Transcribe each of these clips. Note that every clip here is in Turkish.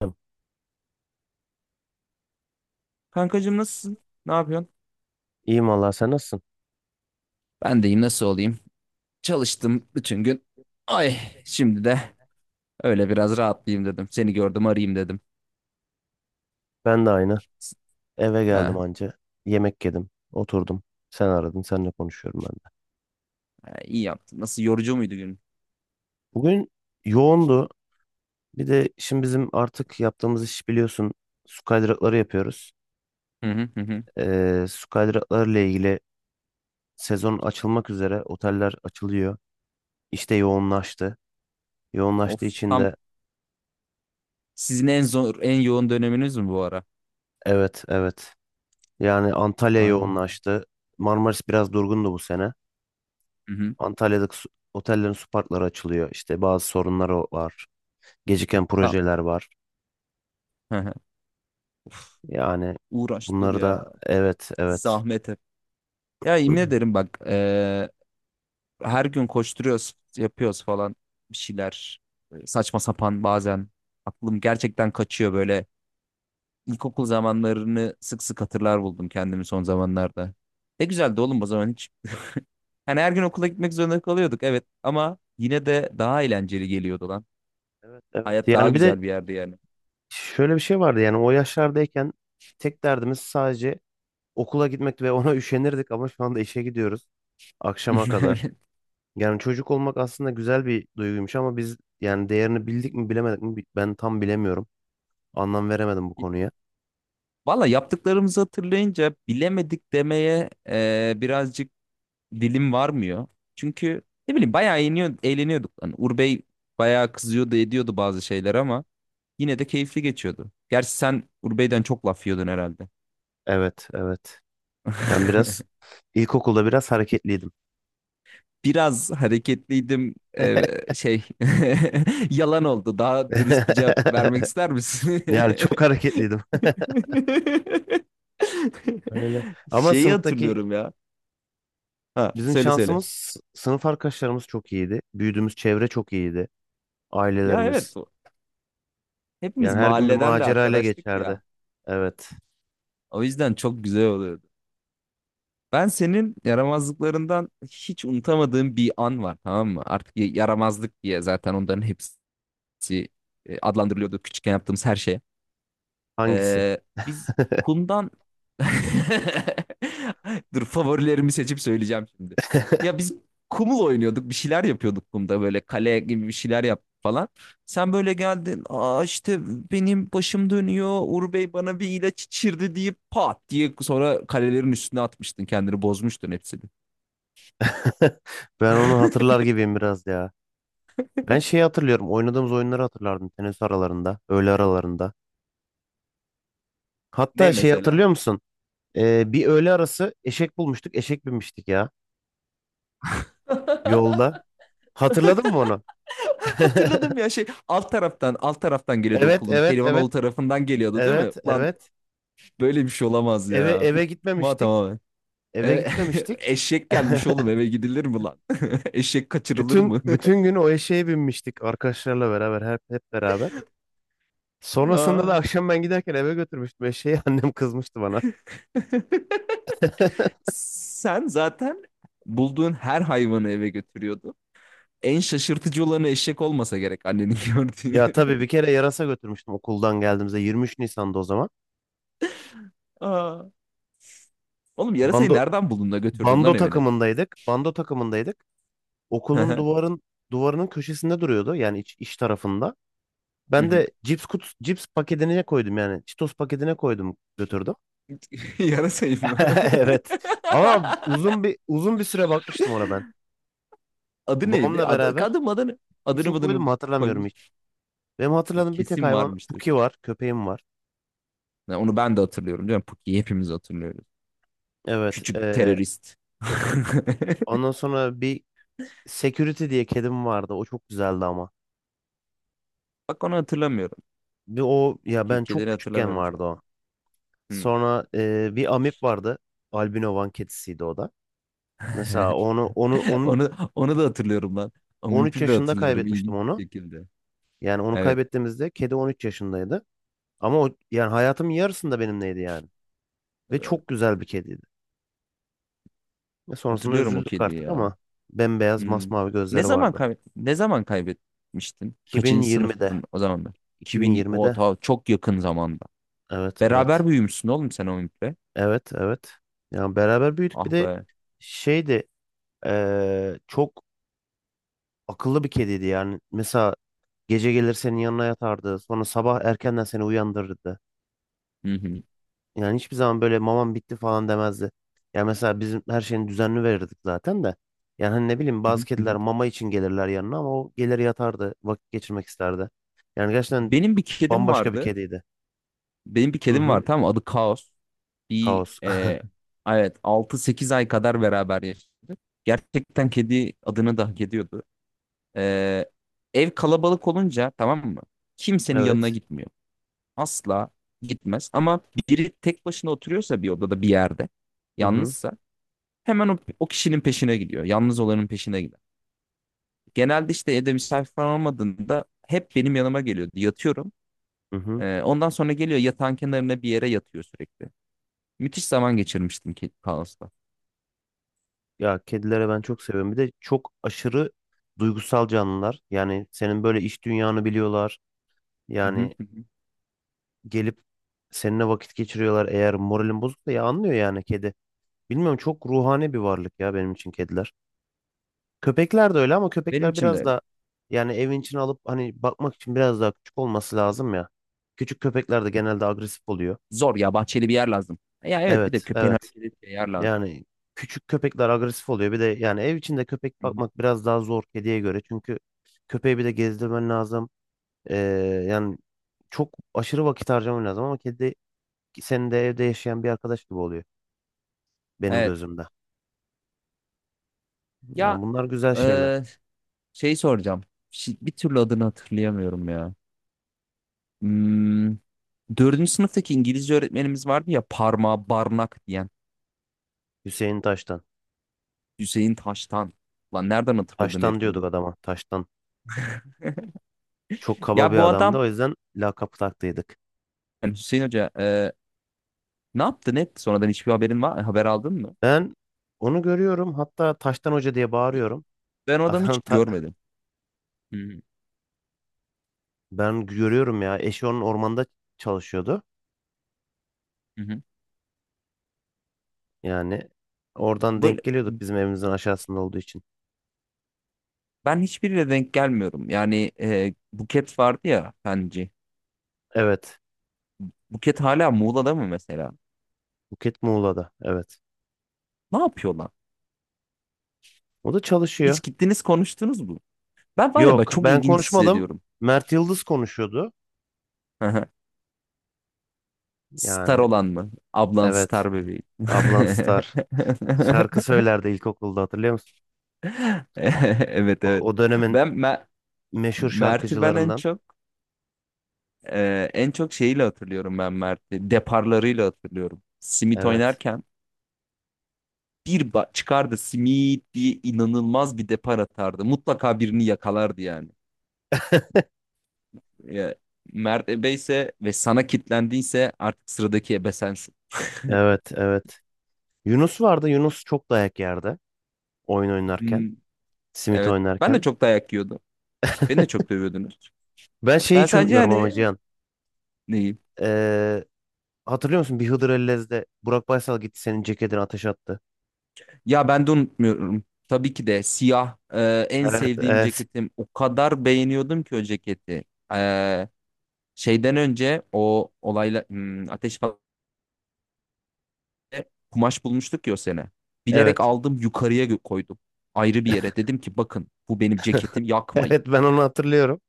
Hocam, Kankacığım, nasılsın? Ne yapıyorsun? İyiyim valla sen nasılsın? Ben deyim nasıl olayım? Çalıştım bütün gün. Ay, şimdi de öyle biraz rahatlayayım dedim. Seni gördüm, arayayım dedim. Ben de aynı. Eve geldim Ha, anca. Yemek yedim. Oturdum. Sen aradın. Seninle konuşuyorum ben de. ha, iyi yaptın. Nasıl, yorucu muydu gün? Bugün yoğundu. Bir de şimdi bizim artık yaptığımız iş biliyorsun. Su kaydırakları yapıyoruz. Hı hı hı. Hı. Su kaydıraklarıyla ilgili sezon açılmak üzere. Oteller açılıyor. İşte yoğunlaştı. Yoğunlaştığı Of, için tam de sizin en zor, en yoğun döneminiz mi bu ara? evet, evet. Yani Antalya Ay. yoğunlaştı. Marmaris biraz durgundu bu sene. Hı hı. Antalya'daki su- Otellerin su parkları açılıyor. İşte bazı sorunları var. Geciken Tam. projeler var. Hı hı. Yani Uğraştır bunları da ya. evet, evet. Zahmet hep. Ya yemin ederim, bak, her gün koşturuyoruz, yapıyoruz falan bir şeyler. Böyle saçma sapan bazen aklım gerçekten kaçıyor. Böyle İlkokul zamanlarını sık sık hatırlar buldum kendimi son zamanlarda. Ne güzeldi oğlum o zaman, hiç. Yani her gün okula gitmek zorunda kalıyorduk, evet, ama yine de daha eğlenceli geliyordu lan. Evet, evet. Hayat daha Yani bir de güzel bir yerdi yani. şöyle bir şey vardı yani o yaşlardayken tek derdimiz sadece okula gitmek ve ona üşenirdik ama şu anda işe gidiyoruz akşama kadar. Yani çocuk olmak aslında güzel bir duyguymuş ama biz yani değerini bildik mi bilemedik mi ben tam bilemiyorum. Anlam veremedim bu konuya. Valla, yaptıklarımızı hatırlayınca bilemedik demeye birazcık dilim varmıyor. Çünkü ne bileyim, bayağı eğleniyorduk. Hani Urbey bayağı kızıyordu, ediyordu bazı şeyler ama yine de keyifli geçiyordu. Gerçi sen Urbey'den çok laf yiyordun herhalde. Evet, evet. Ben biraz ilkokulda biraz hareketliydim. Biraz hareketliydim. Şey yalan oldu. Daha dürüst bir cevap vermek ister misin? Yani çok hareketliydim. Öyle. Ama Şeyi sınıftaki hatırlıyorum ya. Ha, bizim söyle söyle. şansımız sınıf arkadaşlarımız çok iyiydi. Büyüdüğümüz çevre çok iyiydi. Ya Ailelerimiz. evet, hepimiz Yani her gün bir mahalleden de macera ile arkadaştık geçerdi. ya. Evet. O yüzden çok güzel oluyordu. Ben senin yaramazlıklarından hiç unutamadığım bir an var, tamam mı? Artık yaramazlık diye zaten onların hepsi adlandırılıyordu, küçükken yaptığımız her şey. Hangisi? Ee, biz kumdan... Dur, favorilerimi seçip söyleyeceğim şimdi. Ya biz kumul oynuyorduk, bir şeyler yapıyorduk kumda, böyle kale gibi bir şeyler yap falan. Sen böyle geldin, "Aa işte benim başım dönüyor, Uğur Bey bana bir ilaç içirdi" diye, pat diye sonra kalelerin üstüne atmıştın kendini, bozmuştun hepsini. Ben onu hatırlar gibiyim biraz ya. Ben şeyi hatırlıyorum. Oynadığımız oyunları hatırlardım. Teneffüs aralarında, öğle aralarında. Ne Hatta şey mesela? hatırlıyor musun? Bir öğle arası eşek bulmuştuk. Eşek binmiştik ya yolda. Hatırladın mı onu? Hatırladım ya, şey, alt taraftan geliyordu Evet, okulun. evet, evet. Pelivanoğlu tarafından geliyordu değil mi? Evet, Ulan evet. böyle bir şey olamaz Eve ya. eve Ma gitmemiştik. tamamen. Eve E, gitmemiştik. eşek gelmiş oğlum, eve gidilir mi lan? Eşek kaçırılır Bütün mı? bütün günü o eşeğe binmiştik arkadaşlarla beraber hep beraber. Sonrasında da Aa. akşam ben giderken eve götürmüştüm eşeği. Annem kızmıştı bana. Sen zaten bulduğun her hayvanı eve götürüyordun. En şaşırtıcı olanı eşek olmasa gerek annenin gördüğü. Ya tabii bir kere yarasa götürmüştüm okuldan geldiğimizde 23 Nisan'da o zaman. Aa. Oğlum yarasayı Bando nereden buldun da götürdün lan Bando evine? takımındaydık. Bando takımındaydık. Hı Okulun hı. duvarın Duvarının köşesinde duruyordu yani iç tarafında. Hı Ben hı. de cips paketine koydum yani Cheetos paketine koydum götürdüm. Yarasayı mı? Evet. Ama uzun bir süre bakmıştım ona. Adı neydi? Babamla Adı, beraber adı mı adı ne? isim Adını koydum adını mu hatırlamıyorum koymuş. hiç. Benim hatırladığım bir tek Kesin hayvan varmıştır. Puki var. Köpeğim var. Ya onu ben de hatırlıyorum değil mi? Puki'yi hepimiz hatırlıyoruz. Evet. Küçük terörist. Ondan sonra bir Security diye kedim vardı. O çok güzeldi ama. Bak onu hatırlamıyorum. Bir o ya ben çok Kederi küçükken hatırlamıyorum şu vardı an. o. Hmm. Sonra bir amip vardı. Albino Van kedisiydi o da. Mesela onu onu onun Onu, onu da hatırlıyorum lan. O 13 mümkün de yaşında hatırlıyorum kaybetmiştim ilginç onu. bir şekilde. Yani onu Evet. kaybettiğimizde kedi 13 yaşındaydı. Ama o yani hayatımın yarısında benimleydi yani. Ve Evet. çok güzel bir kediydi. Ve sonrasında Hatırlıyorum o üzüldük kediyi artık ama ya. bembeyaz Hmm. masmavi gözleri vardı. Ne zaman kaybetmiştin? iki bin Kaçıncı yirmide, sınıftın o zamanlar? iki bin 2000 o yirmide, ta çok yakın zamanda. evet, evet. Beraber büyümüşsün oğlum sen o Ümit'le. Evet, evet. Yani beraber büyüdük. Bir Ah de be. şeydi çok akıllı bir kediydi yani. Mesela gece gelir senin yanına yatardı. Sonra sabah erkenden seni uyandırırdı. Hı hı. Yani hiçbir zaman böyle mamam bitti falan demezdi. Yani mesela bizim her şeyini düzenli verirdik zaten de. Yani hani ne bileyim Hı bazı hı. Hı kediler hı. mama için gelirler yanına ama o gelir yatardı. Vakit geçirmek isterdi. Yani gerçekten Benim bir kedim bambaşka bir vardı. kediydi. Benim bir Hı kedim hı. var, tamam mı? Adı Kaos. Bir Kaos. e, evet, 6-8 ay kadar beraber yaşadık. Gerçekten kedi adını da hak ediyordu. E, ev kalabalık olunca, tamam mı? Kimsenin yanına Evet. gitmiyor. Asla gitmez. Ama biri tek başına oturuyorsa bir odada, bir yerde, Hı hı. yalnızsa hemen o kişinin peşine gidiyor. Yalnız olanın peşine gider. Genelde işte evde misafir falan olmadığında hep benim yanıma geliyordu. Yatıyorum. Hı hı. Ondan sonra geliyor yatağın kenarına bir yere yatıyor sürekli. Müthiş zaman geçirmiştim ki Kaos'ta. Ya kedilere ben çok seviyorum. Bir de çok aşırı duygusal canlılar. Yani senin böyle iş dünyanı biliyorlar. Hı hı, Yani hı hı. gelip seninle vakit geçiriyorlar. Eğer moralin bozuksa ya anlıyor yani kedi. Bilmiyorum çok ruhani bir varlık ya benim için kediler. Köpekler de öyle ama Benim köpekler için de biraz öyle. da yani evin içine alıp hani bakmak için biraz daha küçük olması lazım ya. Küçük köpekler de genelde agresif oluyor. Zor ya, bahçeli bir yer lazım. Ya evet, bir de Evet, köpeğin evet. hareket ettiği yer lazım. Yani küçük köpekler agresif oluyor. Bir de yani ev içinde köpek Hı hı. bakmak biraz daha zor kediye göre. Çünkü köpeği bir de gezdirmen lazım. Ee, Yani çok aşırı vakit harcaman lazım ama kedi senin de evde yaşayan bir arkadaş gibi oluyor benim Evet. gözümde. Ya, Yani bunlar güzel şeyler. e, şey soracağım. Bir türlü adını hatırlayamıyorum ya. Hmm, dördüncü sınıftaki İngilizce öğretmenimiz vardı ya, parmağı barnak diyen. Hüseyin Taştan. Hüseyin Taştan. Lan nereden hatırladın Taştan herifin diyorduk adını? adama. Taştan. Çok kaba bir Ya bu adamdı. adam, O yüzden lakap taktıydık. yani Hüseyin Hoca, ne yaptı net? Sonradan hiçbir haberin var, haber aldın mı? Ben onu görüyorum. Hatta Taştan Hoca diye Hiç, bağırıyorum. ben o adamı hiç Adam ta- görmedim. Hı hı. Ben görüyorum ya. Eşi onun ormanda çalışıyordu. Hı hı. Yani oradan Böyle, denk geliyorduk bizim evimizin aşağısında olduğu için. ben hiçbiriyle denk gelmiyorum. Yani, Buket vardı ya, Fenci. Evet. Buket hala Muğla'da mı mesela? Buket Muğla'da. Evet. Ne yapıyorlar? O da çalışıyor. Hiç gittiniz, konuştunuz mu? Ben var ya, ben Yok, çok ben ilginç konuşmadım. hissediyorum. Mert Yıldız konuşuyordu. Star Yani olan mı? Ablan evet. star bebeği. Ablan Star. Şarkı söylerdi ilkokulda hatırlıyor musun? Evet O, evet. o dönemin Ben Mer- meşhur Mert'i ben en şarkıcılarından. çok e, en çok şeyiyle hatırlıyorum ben Mert'i. Deparlarıyla hatırlıyorum. Simit Evet. oynarken çıkardı simit diye inanılmaz bir depar atardı. Mutlaka birini yakalardı yani. Ya, Mert ebe ise ve sana kilitlendiyse artık sıradaki ebe sensin. Evet, evet. Yunus vardı. Yunus çok dayak yerdi. Oyun oynarken. Hmm, Simit evet. Ben de oynarken. çok dayak yiyordum. Beni de çok dövüyordunuz. Ben şeyi Ben hiç sadece, unutmuyorum ama hani, Cihan. neyim? Ee, Hatırlıyor musun? Bir Hıdır Ellez'de Burak Baysal gitti senin ceketini ateş attı. Ya ben de unutmuyorum. Tabii ki de, siyah en Evet, sevdiğim evet, ceketim. O kadar beğeniyordum ki o ceketi. E, şeyden önce o olayla ateş kumaş bulmuştuk ya o sene. Bilerek evet. aldım yukarıya, koydum. Ayrı bir yere dedim ki, "Bakın, bu benim ceketim, yakmayın." Evet, ben onu hatırlıyorum.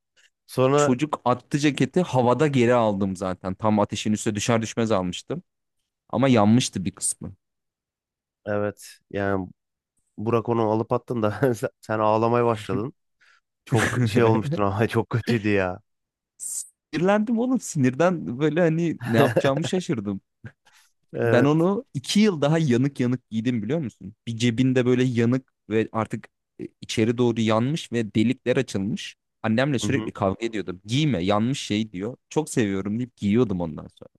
Sonra Çocuk attı ceketi, havada geri aldım zaten. Tam ateşin üstüne düşer düşmez almıştım. Ama yanmıştı bir kısmı. evet, yani Burak onu alıp attın da sen ağlamaya başladın. Çok şey olmuştun ama çok kötüydü ya. Sinirlendim oğlum, sinirden böyle hani ne yapacağımı şaşırdım. Ben Evet. onu 2 yıl daha yanık yanık giydim, biliyor musun? Bir cebinde böyle yanık ve artık içeri doğru yanmış ve delikler açılmış. Annemle Hı hı. sürekli kavga ediyordum. "Giyme, yanmış şey" diyor. Çok seviyorum deyip giyiyordum ondan sonra.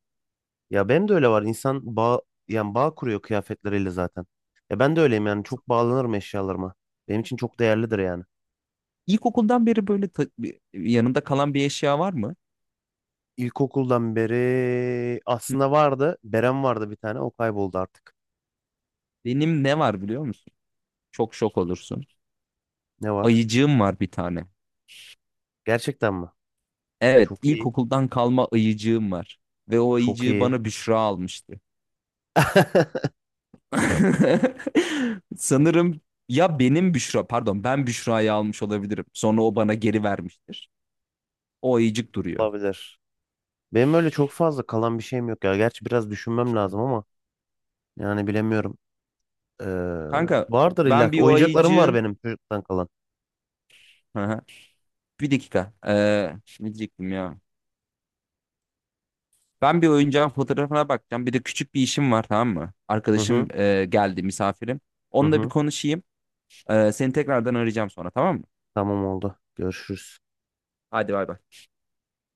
Ya benim de öyle var. Yani bağ kuruyor kıyafetleriyle zaten. Ya ben de öyleyim yani. Çok bağlanırım eşyalarıma. Benim için çok değerlidir yani. İlkokuldan beri böyle yanında kalan bir eşya var mı? İlkokuldan beri Hı. aslında vardı. Berem vardı bir tane. O kayboldu artık. Benim ne var biliyor musun? Çok şok olursun. Ne var? Ayıcığım var bir tane. Gerçekten mi? Evet, Çok iyi. ilkokuldan kalma ayıcığım var. Ve o Çok ayıcığı iyi. bana Büşra almıştı. Sanırım ya, benim Büşra, pardon, ben Büşra'yı almış olabilirim. Sonra o bana geri vermiştir. O ayıcık duruyor. Olabilir. Benim öyle çok fazla kalan bir şeyim yok ya. Gerçi biraz düşünmem lazım ama yani bilemiyorum. Ee, Kanka, Vardır illa ben ki. bir o Oyuncaklarım var ayıcığın... benim çocuktan kalan. Hı hı. Bir dakika. Ne diyecektim ya? Ben bir oyuncağın fotoğrafına bakacağım. Bir de küçük bir işim var, tamam mı? Hı Arkadaşım hı. Geldi, misafirim. Hı Onunla bir hı. konuşayım. Seni tekrardan arayacağım sonra, tamam mı? Tamam oldu. Görüşürüz. Hadi, bay bay.